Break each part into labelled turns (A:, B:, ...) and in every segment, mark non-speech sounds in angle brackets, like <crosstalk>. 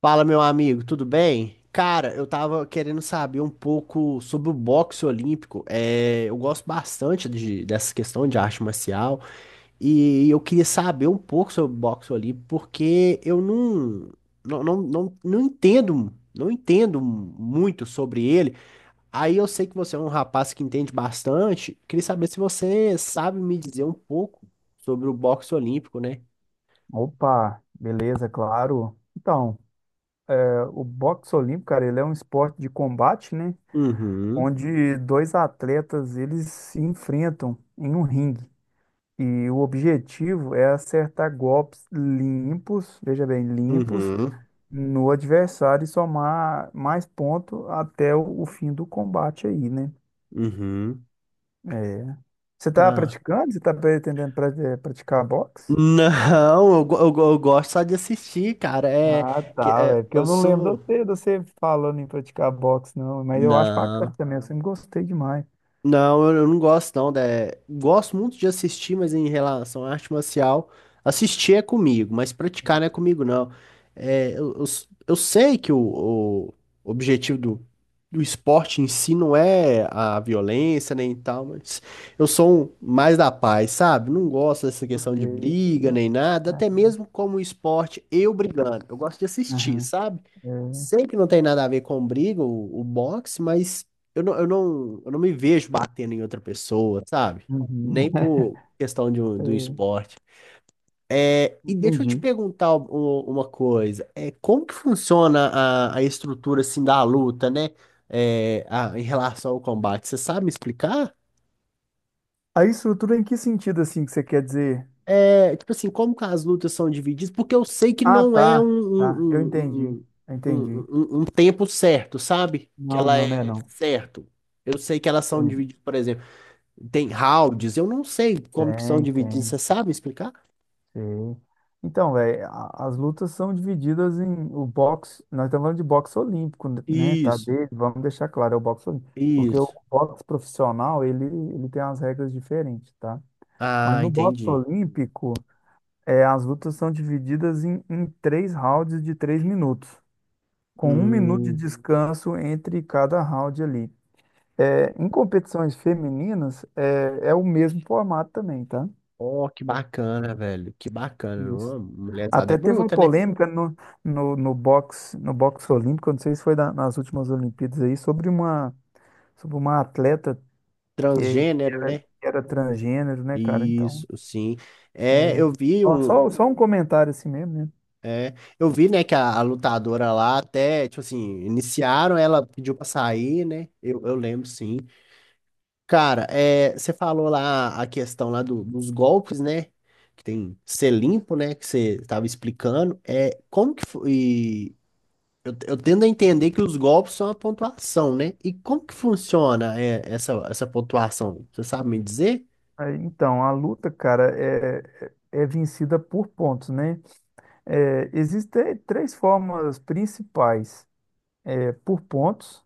A: Fala, meu amigo, tudo bem? Cara, eu tava querendo saber um pouco sobre o boxe olímpico. É, eu gosto bastante dessa questão de arte marcial e eu queria saber um pouco sobre o boxe olímpico porque eu não entendo muito sobre ele. Aí eu sei que você é um rapaz que entende bastante. Queria saber se você sabe me dizer um pouco sobre o boxe olímpico, né?
B: Opa, beleza, claro. O boxe olímpico, cara, ele é um esporte de combate, né?
A: Uhum,
B: Onde dois atletas, eles se enfrentam em um ringue. E o objetivo é acertar golpes limpos, veja bem, limpos,
A: uhum,
B: no adversário e somar mais pontos até o fim do combate aí, né?
A: uhum.
B: É. Você tá
A: Cara.
B: praticando? Você tá praticar boxe?
A: Não, eu gosto só de assistir, cara. É,
B: Ah,
A: que,
B: tá,
A: é,
B: velho. Porque eu
A: eu
B: não lembro
A: sou.
B: de você falando em praticar boxe, não. Mas eu acho
A: Não.
B: bacana também. Eu sempre gostei demais.
A: Não, eu não gosto não. Gosto muito de assistir, mas em relação à arte marcial, assistir é comigo, mas praticar não é comigo não. É, eu sei que o objetivo do esporte em si não é a violência nem tal, mas eu sou um mais da paz, sabe? Não gosto dessa
B: Eu
A: questão de
B: sei, eu
A: briga
B: sei.
A: nem nada,
B: É,
A: até mesmo como esporte, eu brigando. Eu gosto de assistir,
B: aham,
A: sabe?
B: é,
A: Sei que não tem nada a ver com briga, o boxe, mas eu não me vejo batendo em outra pessoa, sabe?
B: uhum,
A: Nem
B: <laughs>
A: por questão de
B: é,
A: do esporte. É, e deixa eu te
B: entendi.
A: perguntar uma coisa. É, como que funciona a estrutura assim da luta, né? Em relação ao combate. Você sabe me explicar?
B: A estrutura em que sentido, assim, que você quer dizer?
A: É, tipo assim, como que as lutas são divididas? Porque eu sei que
B: Ah,
A: não é um,
B: tá. Tá, eu entendi.
A: um,
B: Eu
A: um, um,
B: entendi.
A: um, um um um tempo certo, sabe? Que
B: Não,
A: ela
B: não,
A: é
B: né, não.
A: certo. Eu sei que elas são
B: Tem,
A: divididas, por exemplo. Tem rounds, eu não sei como que são
B: tem,
A: divididos,
B: tem.
A: você sabe explicar?
B: Sim. Então, velho, as lutas são divididas em o boxe. Nós estamos falando de boxe olímpico, né? Tá
A: Isso,
B: dele, vamos deixar claro, é o boxe olímpico. Porque o
A: isso.
B: boxe profissional, ele tem as regras diferentes, tá? Mas
A: Ah,
B: no boxe
A: entendi.
B: olímpico, as lutas são divididas em 3 rounds de 3 minutos, com 1 minuto de
A: Hum,
B: descanso entre cada round ali. É, em competições femininas, é o mesmo formato também, tá?
A: oh, que bacana, velho. Que bacana.
B: Isso.
A: Uma mulherzada é
B: Até teve uma
A: bruta, né?
B: polêmica no boxe, no boxe olímpico, não sei se foi nas últimas Olimpíadas aí, sobre uma atleta
A: Transgênero, né?
B: que era transgênero, né, cara? Então,
A: Isso, sim. É, eu vi
B: ó,
A: um.
B: só um comentário assim mesmo, né?
A: É, eu vi, né, que a lutadora lá até, tipo assim, iniciaram, ela pediu pra sair, né? Eu lembro, sim. Cara, você falou lá a questão lá dos golpes, né? Que tem ser limpo, né? Que você estava explicando. É, como que foi? Eu tendo a entender que os golpes são a pontuação, né? E como que funciona essa pontuação? Você sabe me dizer?
B: Aí, então, a luta, cara, é vencida por pontos, né? É, existem três formas principais. É por pontos.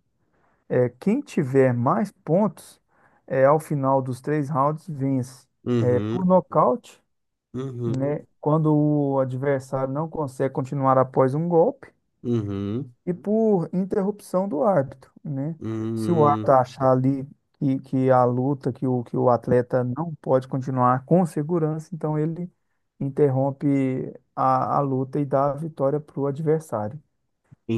B: É, quem tiver mais pontos, é, ao final dos 3 rounds, vence. É, por
A: Uhum,
B: nocaute.
A: uhum,
B: Né? Quando o adversário não consegue continuar após um golpe
A: uhum,
B: e por interrupção do árbitro, né? Se o árbitro
A: uhum.
B: achar ali que a luta, que o atleta não pode continuar com segurança, então ele interrompe a luta e dá a vitória para o adversário.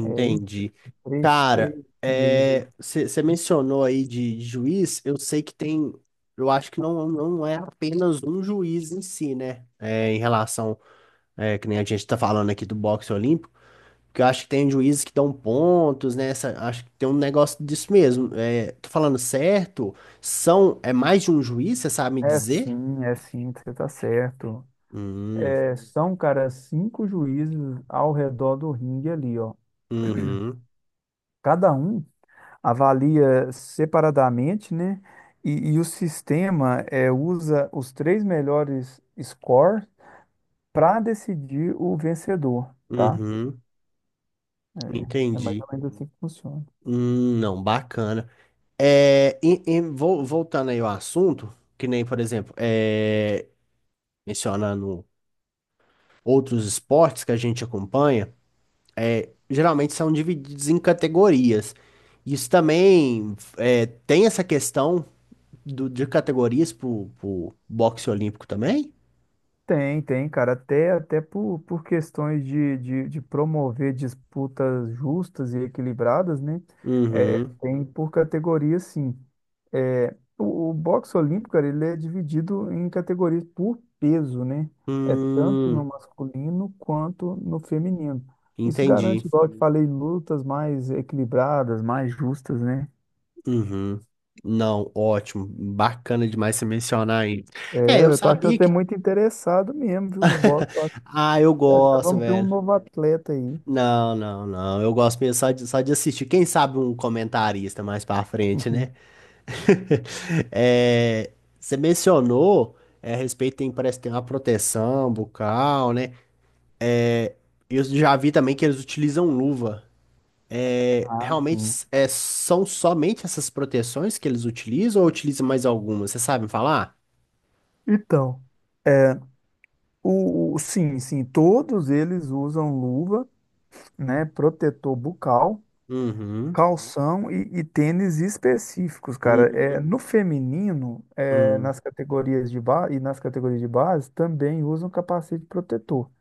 B: É isso, três
A: Cara,
B: meios aí.
A: você mencionou aí de juiz, eu sei que tem, eu acho que não é apenas um juiz em si, né? É, em relação, que nem a gente tá falando aqui do boxe olímpico, porque eu acho que tem juízes que dão pontos, né? Acho que tem um negócio disso mesmo. É, tô falando certo? É mais de um juiz, você sabe me dizer?
B: É sim, você tá certo.
A: Hum,
B: É, são, cara, 5 juízes ao redor do ringue ali, ó.
A: uhum,
B: Cada um avalia separadamente, né? E, o sistema é, usa os três melhores scores para decidir o vencedor, tá?
A: uhum,
B: É, é mais
A: entendi.
B: ou menos assim que funciona.
A: Não, bacana. É, voltando aí ao assunto, que nem, por exemplo, mencionando outros esportes que a gente acompanha, geralmente são divididos em categorias. Isso também tem essa questão de categorias para o boxe olímpico também?
B: Tem, tem, cara, até por questões de promover disputas justas e equilibradas, né? É, é,
A: Uhum.
B: tem por categoria, sim. É, o boxe olímpico, cara, ele é dividido em categorias por peso, né? É tanto no
A: Hum,
B: masculino quanto no feminino. Isso
A: entendi.
B: garante, igual eu te falei, lutas mais equilibradas, mais justas, né?
A: Uhum. Não, ótimo. Bacana demais você mencionar aí. É,
B: É,
A: eu
B: eu tô achando
A: sabia
B: que você é
A: que.
B: muito interessado mesmo, viu, no boxe. Eu acho
A: <laughs> Ah, eu
B: que já
A: gosto,
B: vamos ter um
A: velho.
B: novo atleta aí.
A: Não, não, não. Eu gosto mesmo só de assistir. Quem sabe um comentarista mais pra frente, né?
B: <laughs>
A: <laughs> É, você mencionou a respeito, tem, parece que tem uma proteção bucal, né? Eu já vi também que eles utilizam luva. É,
B: Ah,
A: realmente
B: sim.
A: são somente essas proteções que eles utilizam ou utilizam mais algumas? Você sabe me falar?
B: Então, é, sim, todos eles usam luva, né, protetor bucal,
A: Uhum,
B: calção e tênis específicos, cara. É,
A: uhum,
B: no feminino, é,
A: uhum,
B: nas categorias de base e nas categorias de base também usam capacete protetor,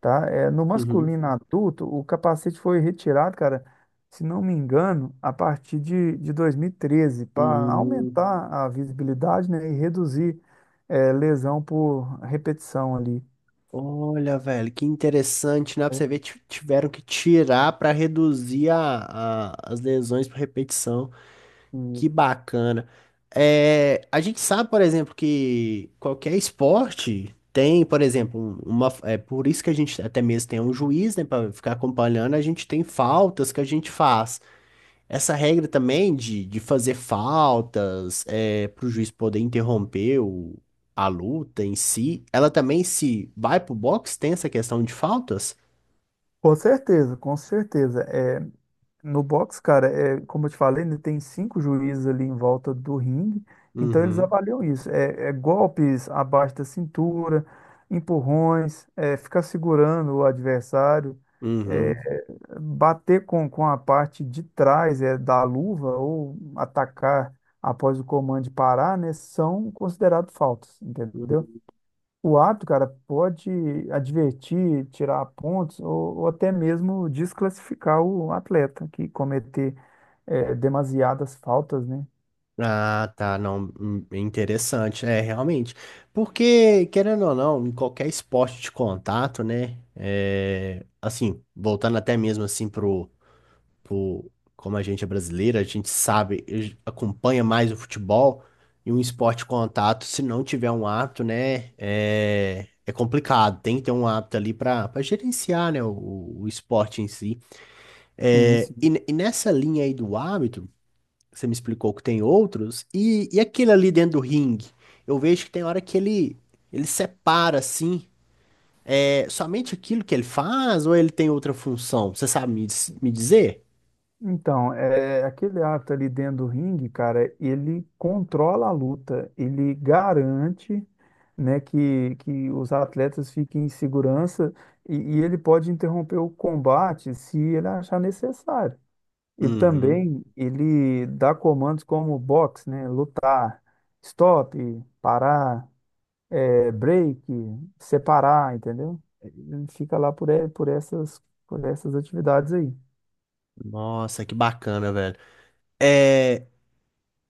B: tá? É, no
A: uhum,
B: masculino adulto, o capacete foi retirado, cara, se não me engano, a partir de 2013, para
A: uhum.
B: aumentar a visibilidade, né, e reduzir, é, lesão por repetição ali.
A: Olha, velho, que interessante, né? Pra
B: Né?
A: você ver, tiveram que tirar pra reduzir as lesões por repetição. Que bacana. É, a gente sabe, por exemplo, que qualquer esporte tem, por exemplo, é por isso que a gente até mesmo tem um juiz, né, pra ficar acompanhando, a gente tem faltas que a gente faz. Essa regra também de fazer faltas, para o juiz poder interromper a luta em si, ela também se vai pro box, tem essa questão de faltas?
B: Com certeza, com certeza. É. No boxe, cara, é, como eu te falei, né, tem 5 juízes ali em volta do ringue, então eles
A: Uhum,
B: avaliam isso. É, é golpes abaixo da cintura, empurrões, é, ficar segurando o adversário, é,
A: uhum.
B: bater com a parte de trás é, da luva ou atacar após o comando de parar, né, são considerados faltas, entendeu? O árbitro, cara, pode advertir, tirar pontos ou até mesmo desclassificar o atleta que cometer é, demasiadas faltas, né?
A: Ah, tá, não, interessante, realmente, porque, querendo ou não, em qualquer esporte de contato, né, assim, voltando até mesmo, assim, tipo, como a gente é brasileira, a gente sabe, a gente acompanha mais o futebol e um esporte de contato, se não tiver um árbitro, né, é complicado. Tem que ter um árbitro ali para gerenciar, né, o esporte em si.
B: Sim,
A: É, e,
B: sim.
A: ne- e nessa linha aí do árbitro, você me explicou que tem outros, e aquele ali dentro do ringue? Eu vejo que tem hora que ele. Ele separa assim, é somente aquilo que ele faz ou ele tem outra função? Você sabe me dizer?
B: Então, é, aquele árbitro ali dentro do ringue, cara, ele controla a luta, ele garante, né, que os atletas fiquem em segurança e ele pode interromper o combate se ele achar necessário. E
A: Uhum.
B: também ele dá comandos como box, né, lutar, stop, parar, é, break, separar, entendeu? Ele fica lá por, e- por essas atividades aí.
A: Nossa, que bacana, velho. É,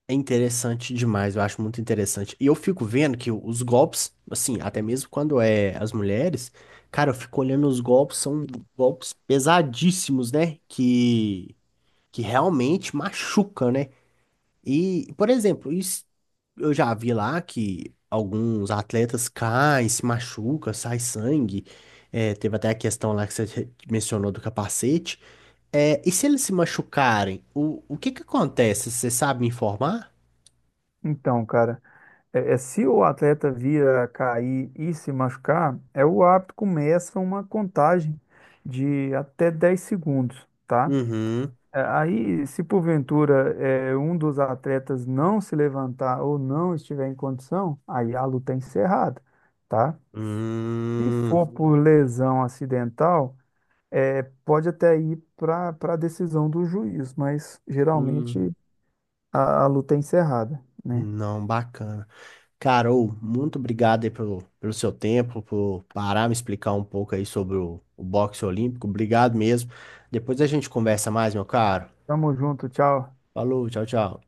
A: é interessante demais, eu acho muito interessante. E eu fico vendo que os golpes, assim, até mesmo quando é as mulheres, cara, eu fico olhando os golpes, são golpes pesadíssimos, né? Que realmente machucam, né? E, por exemplo, isso, eu já vi lá que alguns atletas caem, se machucam, sai sangue. É, teve até a questão lá que você mencionou do capacete. É, e se eles se machucarem, o que que acontece? Você sabe me informar?
B: Então, cara, é, é, se o atleta vir a cair e se machucar, é o árbitro começa uma contagem de até 10 segundos, tá?
A: Uhum.
B: É, aí, se porventura é, um dos atletas não se levantar ou não estiver em condição, aí a luta é encerrada, tá? Se
A: Hum,
B: for por lesão acidental, é, pode até ir para para a decisão do juiz, mas geralmente
A: hum.
B: a luta é encerrada, né?
A: Não, bacana. Carol, muito obrigado aí pelo seu tempo, por parar me explicar um pouco aí sobre o boxe olímpico. Obrigado mesmo. Depois a gente conversa mais, meu caro.
B: Tamo junto, tchau.
A: Falou, tchau, tchau.